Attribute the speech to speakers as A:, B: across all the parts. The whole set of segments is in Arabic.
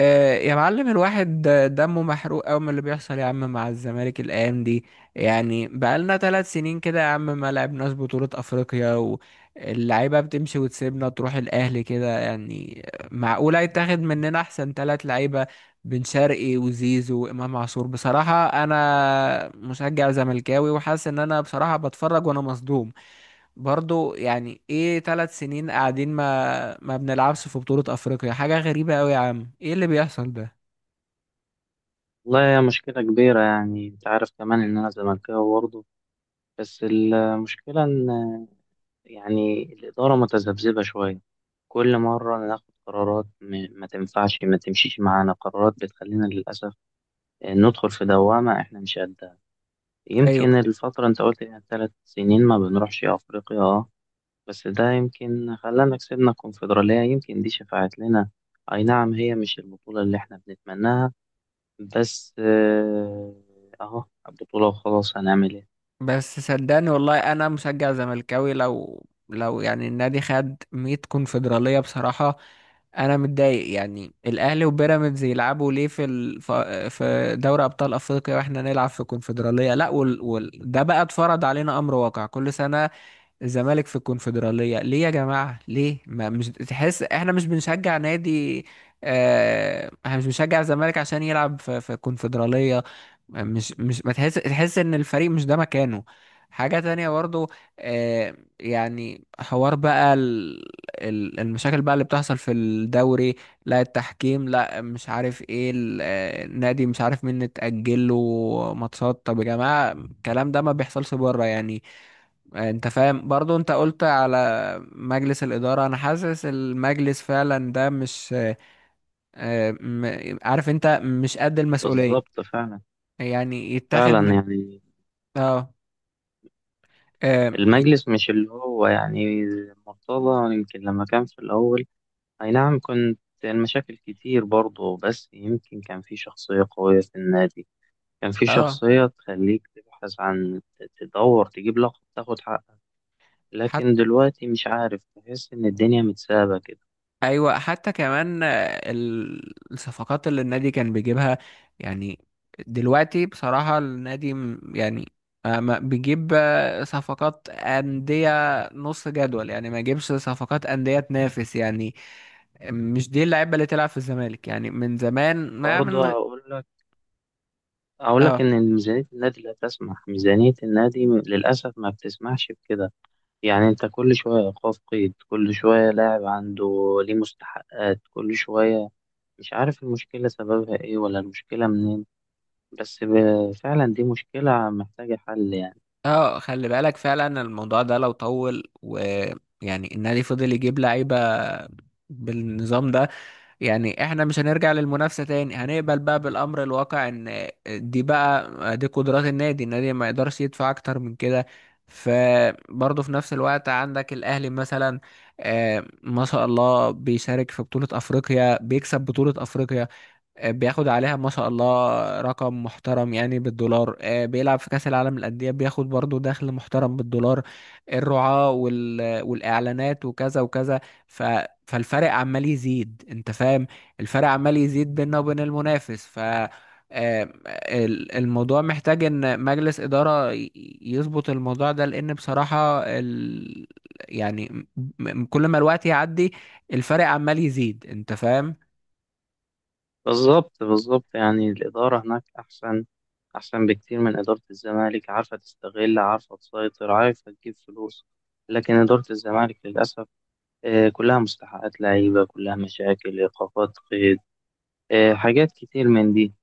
A: يا معلم الواحد دمه محروق أوي من اللي بيحصل يا عم مع الزمالك الأيام دي. يعني بقالنا 3 سنين كده يا عم ما لعبناش بطولة أفريقيا، واللعيبة بتمشي وتسيبنا تروح الأهلي كده يعني. معقولة يتاخد مننا أحسن 3 لعيبة، بن شرقي وزيزو وإمام عاشور. بصراحة أنا مشجع زملكاوي وحاسس إن أنا بصراحة بتفرج وأنا مصدوم. برضو يعني ايه 3 سنين قاعدين ما بنلعبش في بطولة افريقيا؟ حاجة غريبة قوي يا عم، ايه اللي بيحصل ده؟
B: والله هي مشكلة كبيرة يعني أنت عارف كمان إن أنا زملكاوي برضه. بس المشكلة إن يعني الإدارة متذبذبة شوية. كل مرة ناخد قرارات ما تنفعش، ما تمشيش معانا، قرارات بتخلينا للأسف ندخل في دوامة إحنا مش قدها.
A: ايوه.
B: يمكن الفترة أنت قلت إنها 3 سنين ما بنروحش أفريقيا، أه. بس ده يمكن خلانا كسبنا الكونفدرالية، يمكن دي شفعت لنا. أي نعم، هي مش البطولة اللي إحنا بنتمناها، بس اهو، بطولة وخلاص، هنعمل ايه؟
A: بس صدقني والله انا مشجع زملكاوي، لو يعني النادي خد 100 كونفدرالية بصراحة انا متضايق. يعني الاهلي وبيراميدز يلعبوا ليه في دوري ابطال افريقيا واحنا نلعب في كونفدرالية؟ لا وال... وال... ده بقى اتفرض علينا امر واقع كل سنة. الزمالك في الكونفدرالية ليه يا جماعة؟ ليه ما مش تحس احنا مش بنشجع نادي؟ اه، احنا مش بنشجع الزمالك عشان يلعب في الكونفدرالية. مش مش ما تحس ان الفريق مش ده مكانه. حاجة تانية برضو، اه يعني حوار بقى المشاكل بقى اللي بتحصل في الدوري. لا التحكيم، لا مش عارف ايه النادي مش عارف مين اتأجل له ماتشات. طب يا جماعة الكلام ده ما بيحصلش بره يعني. انت فاهم، برضو انت قلت على مجلس الإدارة. انا حاسس المجلس فعلا ده مش عارف، انت مش قد المسؤولية.
B: بالظبط فعلا.
A: يعني يتاخد من
B: فعلا يعني
A: اه اه
B: المجلس مش اللي هو يعني، مرتضى يمكن لما كان في الأول، أي نعم كنت المشاكل كتير برضه، بس يمكن كان في شخصية قوية في النادي، كان في
A: آه،
B: شخصية تخليك تبحث عن، تدور، تجيب لقب، تاخد حقك.
A: حتى.
B: لكن دلوقتي مش عارف، تحس إن الدنيا متسابة كده.
A: ايوه، حتى كمان الصفقات اللي النادي كان بيجيبها يعني. دلوقتي بصراحة النادي يعني ما بيجيب صفقات أندية نص جدول يعني، ما يجيبش صفقات أندية تنافس يعني. مش دي اللعيبة اللي تلعب في الزمالك يعني من زمان ما من
B: برضه
A: غ-
B: هقول لك، أقول لك
A: اه.
B: إن ميزانية النادي لا تسمح، ميزانية النادي للأسف ما بتسمحش بكده. يعني أنت كل شوية إيقاف قيد، كل شوية لاعب عنده ليه مستحقات، كل شوية مش عارف المشكلة سببها إيه ولا المشكلة منين. بس فعلا دي مشكلة محتاجة حل يعني.
A: اه خلي بالك فعلا الموضوع ده لو طول، ويعني النادي فضل يجيب لعيبة بالنظام ده، يعني احنا مش هنرجع للمنافسة تاني. هنقبل بقى بالأمر الواقع ان دي بقى دي قدرات النادي، النادي ما يقدرش يدفع اكتر من كده. فبرضه في نفس الوقت عندك الأهلي مثلا، ما شاء الله بيشارك في بطولة أفريقيا، بيكسب بطولة أفريقيا، بياخد عليها ما شاء الله رقم محترم يعني بالدولار. بيلعب في كأس العالم للأندية، بياخد برضو دخل محترم بالدولار، الرعاة والإعلانات وكذا وكذا. ف... فالفرق عمال يزيد، انت فاهم. الفرق عمال يزيد بيننا وبين المنافس. آه، الموضوع محتاج ان مجلس إدارة يظبط الموضوع ده، لان بصراحة ال... يعني م- م- كل ما الوقت يعدي الفرق عمال يزيد، انت فاهم.
B: بالظبط بالظبط، يعني الإدارة هناك أحسن، أحسن بكتير من إدارة الزمالك، عارفة تستغل، عارفة تسيطر، عارفة تجيب فلوس. لكن إدارة الزمالك للأسف كلها مستحقات لعيبة، كلها مشاكل إيقافات قيد، حاجات كتير من دي.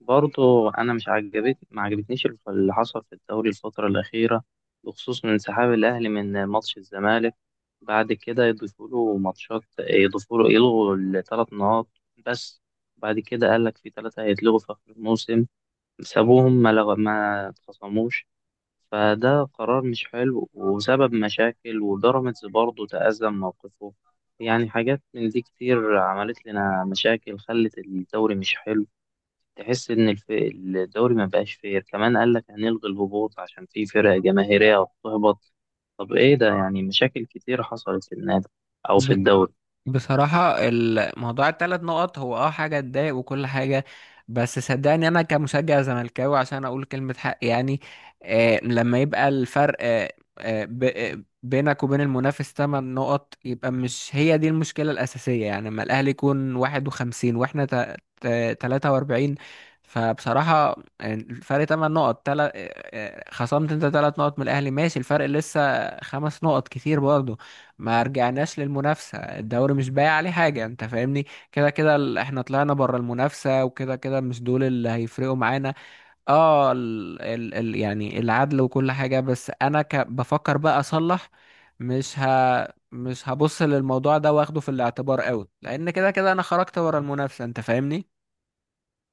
B: برضو أنا مش عجبت، ما عجبتنيش اللي حصل في الدوري الفترة الأخيرة، بخصوص من انسحاب الأهلي من ماتش الزمالك. بعد كده يضيفوا له ماتشات، يضيفوا له، يلغوا الـ 3 نقاط، بس بعد كده قال لك في 3 هيتلغوا في آخر الموسم، سابوهم ما اتخصموش. فده قرار مش حلو وسبب مشاكل، وبيراميدز برضه تأذى من موقفه. يعني حاجات من دي كتير عملت لنا مشاكل، خلت الدوري مش حلو. تحس إن الدوري ما بقاش فير، كمان قال لك هنلغي الهبوط عشان في فرق جماهيرية بتهبط. طب إيه ده يعني؟ مشاكل كتير حصلت في النادي أو في الدوري.
A: بصراحة الموضوع التلات نقط هو اه حاجة تضايق وكل حاجة، بس صدقني أنا كمشجع زملكاوي عشان أقول كلمة حق يعني. آه لما يبقى الفرق بينك وبين المنافس 8 نقط، يبقى مش هي دي المشكلة الأساسية. يعني لما الأهلي يكون 51 وإحنا 43، فبصراحة الفرق 8 نقط. تلات، خصمت أنت 3 نقط من الأهلي ماشي، الفرق لسه 5 نقط، كتير برضه. ما رجعناش للمنافسة، الدوري مش باقي عليه حاجة، انت فاهمني. كده كده احنا طلعنا بره المنافسة، وكده كده مش دول اللي هيفرقوا معانا. اه ال ال ال يعني العدل وكل حاجة، بس انا ك بفكر بقى اصلح. مش ه مش هبص للموضوع ده واخده في الاعتبار قوي، لان كده كده انا خرجت بره المنافسة انت فاهمني.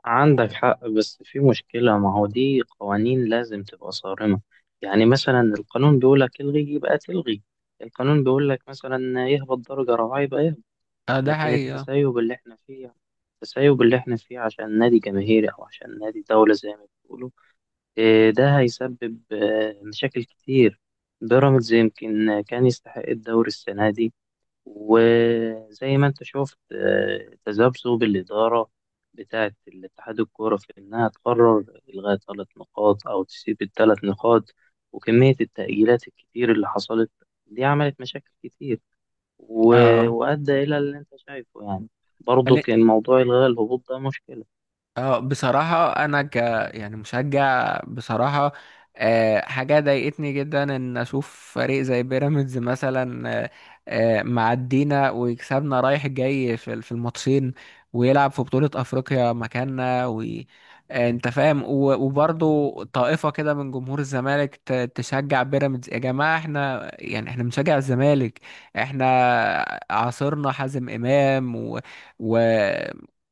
B: عندك حق، بس في مشكلة، ما هو دي قوانين لازم تبقى صارمة. يعني مثلا القانون بيقولك الغي، يبقى تلغي. القانون بيقولك مثلا يهبط درجة رباعية، يبقى يهبط.
A: اه، ده
B: لكن
A: حقيقة.
B: التسيب اللي احنا فيه، التسيب اللي احنا فيه عشان نادي جماهيري أو عشان نادي دولة زي ما بيقولوا، إيه، ده هيسبب مشاكل كتير. بيراميدز يمكن كان يستحق الدوري السنة دي. وزي ما انت شفت تذبذب الإدارة بتاعة الاتحاد الكورة في إنها تقرر إلغاء 3 نقاط أو تسيب الـ 3 نقاط، وكمية التأجيلات الكتير اللي حصلت، دي عملت مشاكل كتير،
A: اه.
B: وأدى إلى اللي أنت شايفه يعني. برضه كان موضوع إلغاء الهبوط ده مشكلة.
A: اه. بصراحة أنا ك يعني مشجع. بصراحة حاجة ضايقتني جدا إن أشوف فريق زي بيراميدز مثلا، معدينا ويكسبنا رايح جاي في الماتشين، ويلعب في بطولة أفريقيا مكاننا. و آه، أنت فاهم، وبرضه طائفة كده من جمهور الزمالك تشجع بيراميدز. يا جماعة احنا يعني احنا بنشجع الزمالك. احنا عاصرنا حازم إمام و...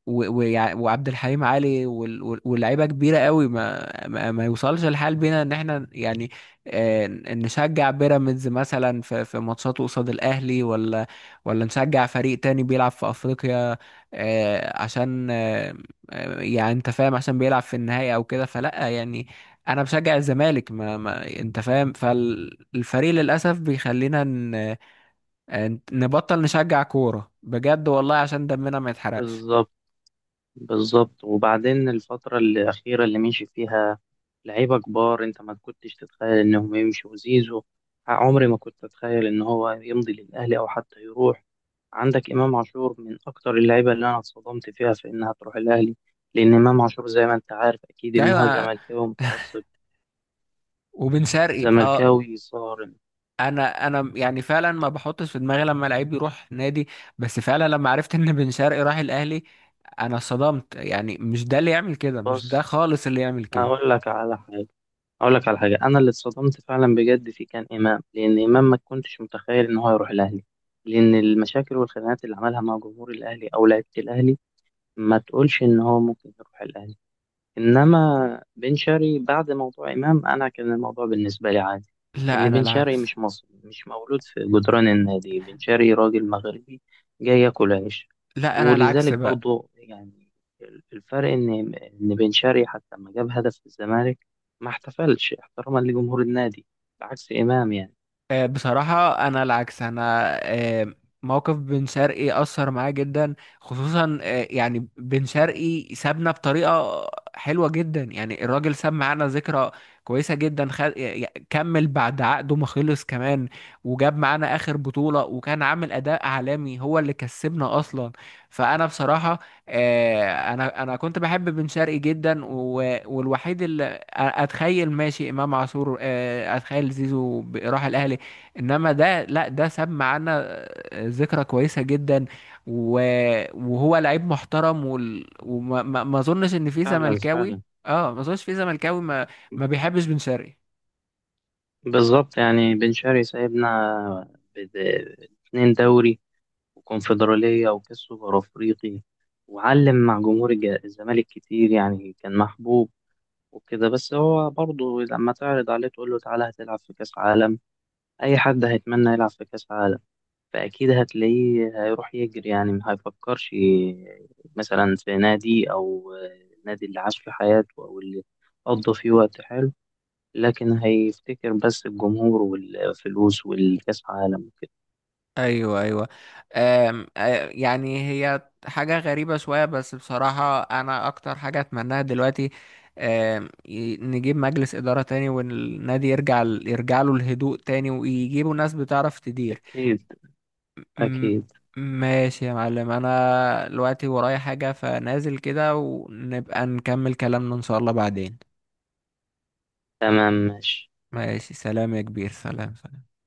A: وعبد الحليم علي واللعيبه كبيره قوي. ما يوصلش الحال بينا ان احنا يعني نشجع بيراميدز مثلا في ماتشاته قصاد الاهلي، ولا نشجع فريق تاني بيلعب في افريقيا آه، عشان آه، آه، يعني انت فاهم عشان بيلعب في النهائي او كده، فلا يعني. انا بشجع الزمالك ما, ما انت فاهم. فالفريق للاسف بيخلينا نبطل نشجع كوره بجد والله عشان دمنا ما يتحرقش.
B: بالظبط بالظبط، وبعدين الفترة الأخيرة اللي مشي فيها لعيبة كبار، أنت ما كنتش تتخيل إنهم يمشوا. زيزو، عمري ما كنت أتخيل إن هو يمضي للأهلي أو حتى يروح. عندك إمام عاشور، من أكتر اللعيبة اللي أنا اتصدمت فيها في إنها تروح الأهلي، لأن إمام عاشور زي ما أنت عارف أكيد إن هو
A: ايوه،
B: زملكاوي متعصب،
A: وبن شرقي اه،
B: زملكاوي صارم.
A: انا انا يعني فعلا ما بحطش في دماغي لما لعيب يروح نادي، بس فعلا لما عرفت ان بن شرقي راح الاهلي انا صدمت. يعني مش ده اللي يعمل كده، مش ده
B: بس
A: خالص اللي يعمل كده.
B: هقول لك على حاجة، هقول لك على حاجة، أنا اللي اتصدمت فعلا بجد فيه كان إمام، لأن إمام ما كنتش متخيل إن هو يروح الأهلي، لأن المشاكل والخناقات اللي عملها مع جمهور الأهلي أو لعيبة الأهلي، ما تقولش إن هو ممكن يروح الأهلي. انما بن شرقي، بعد موضوع امام، انا كان الموضوع بالنسبه لي عادي،
A: لا،
B: ان
A: انا
B: بن شرقي
A: العكس.
B: مش مصري، مش مولود في جدران النادي، بن شرقي راجل مغربي جاي ياكل عيش.
A: لا، انا العكس
B: ولذلك
A: بقى.
B: برضو يعني، الفرق ان بن شرقي حتى لما جاب هدف في الزمالك ما احتفلش احتراما لجمهور النادي، بعكس امام يعني.
A: بصراحة أنا العكس أنا. آه، موقف بن شرقي أثر معايا جدا، خصوصا يعني بن شرقي سابنا بطريقة حلوة جدا، يعني الراجل ساب معانا ذكرى كويسة جدا. كمل بعد عقده ما خلص كمان، وجاب معانا آخر بطولة وكان عامل أداء عالمي، هو اللي كسبنا أصلا. فأنا بصراحة آه، أنا أنا كنت بحب بن شرقي جدا والوحيد اللي أتخيل ماشي إمام عاشور، أتخيل زيزو راح الأهلي. انما ده، لا ده سمع عنا ذكرى كويسه جدا، و... وهو لعيب محترم وال... وما ما... ما اظنش ان في
B: فعلا
A: زملكاوي.
B: فعلا.
A: اه، ما اظنش في زملكاوي ما بيحبش بن شرقي.
B: بالظبط، يعني بن شرقي سايبنا 2 دوري وكونفدرالية وكأس سوبر أفريقي، وعلم مع جمهور الزمالك كتير، يعني كان محبوب وكده. بس هو برضه لما تعرض عليه تقول له تعالى هتلعب في كأس عالم، أي حد هيتمنى يلعب في كأس عالم، فأكيد هتلاقيه هيروح يجري يعني، ما هيفكرش مثلا في نادي أو نادي اللي عاش في حياته أو اللي قضى فيه وقت حلو. لكن هيفتكر بس الجمهور والفلوس والكأس عالم وكده.
A: ايوه، ايوه. أم... آه، يعني هي حاجه غريبه شويه، بس بصراحه انا اكتر حاجه اتمناها دلوقتي نجيب مجلس اداره تاني، والنادي يرجع له الهدوء تاني، ويجيبوا ناس بتعرف تدير.
B: أكيد
A: م-
B: أكيد.
A: ماشي يا معلم، انا دلوقتي ورايا حاجة فنازل كده، ونبقى نكمل كلامنا ان شاء الله بعدين.
B: تمام ماشي.
A: ماشي، سلام يا كبير، سلام سلام.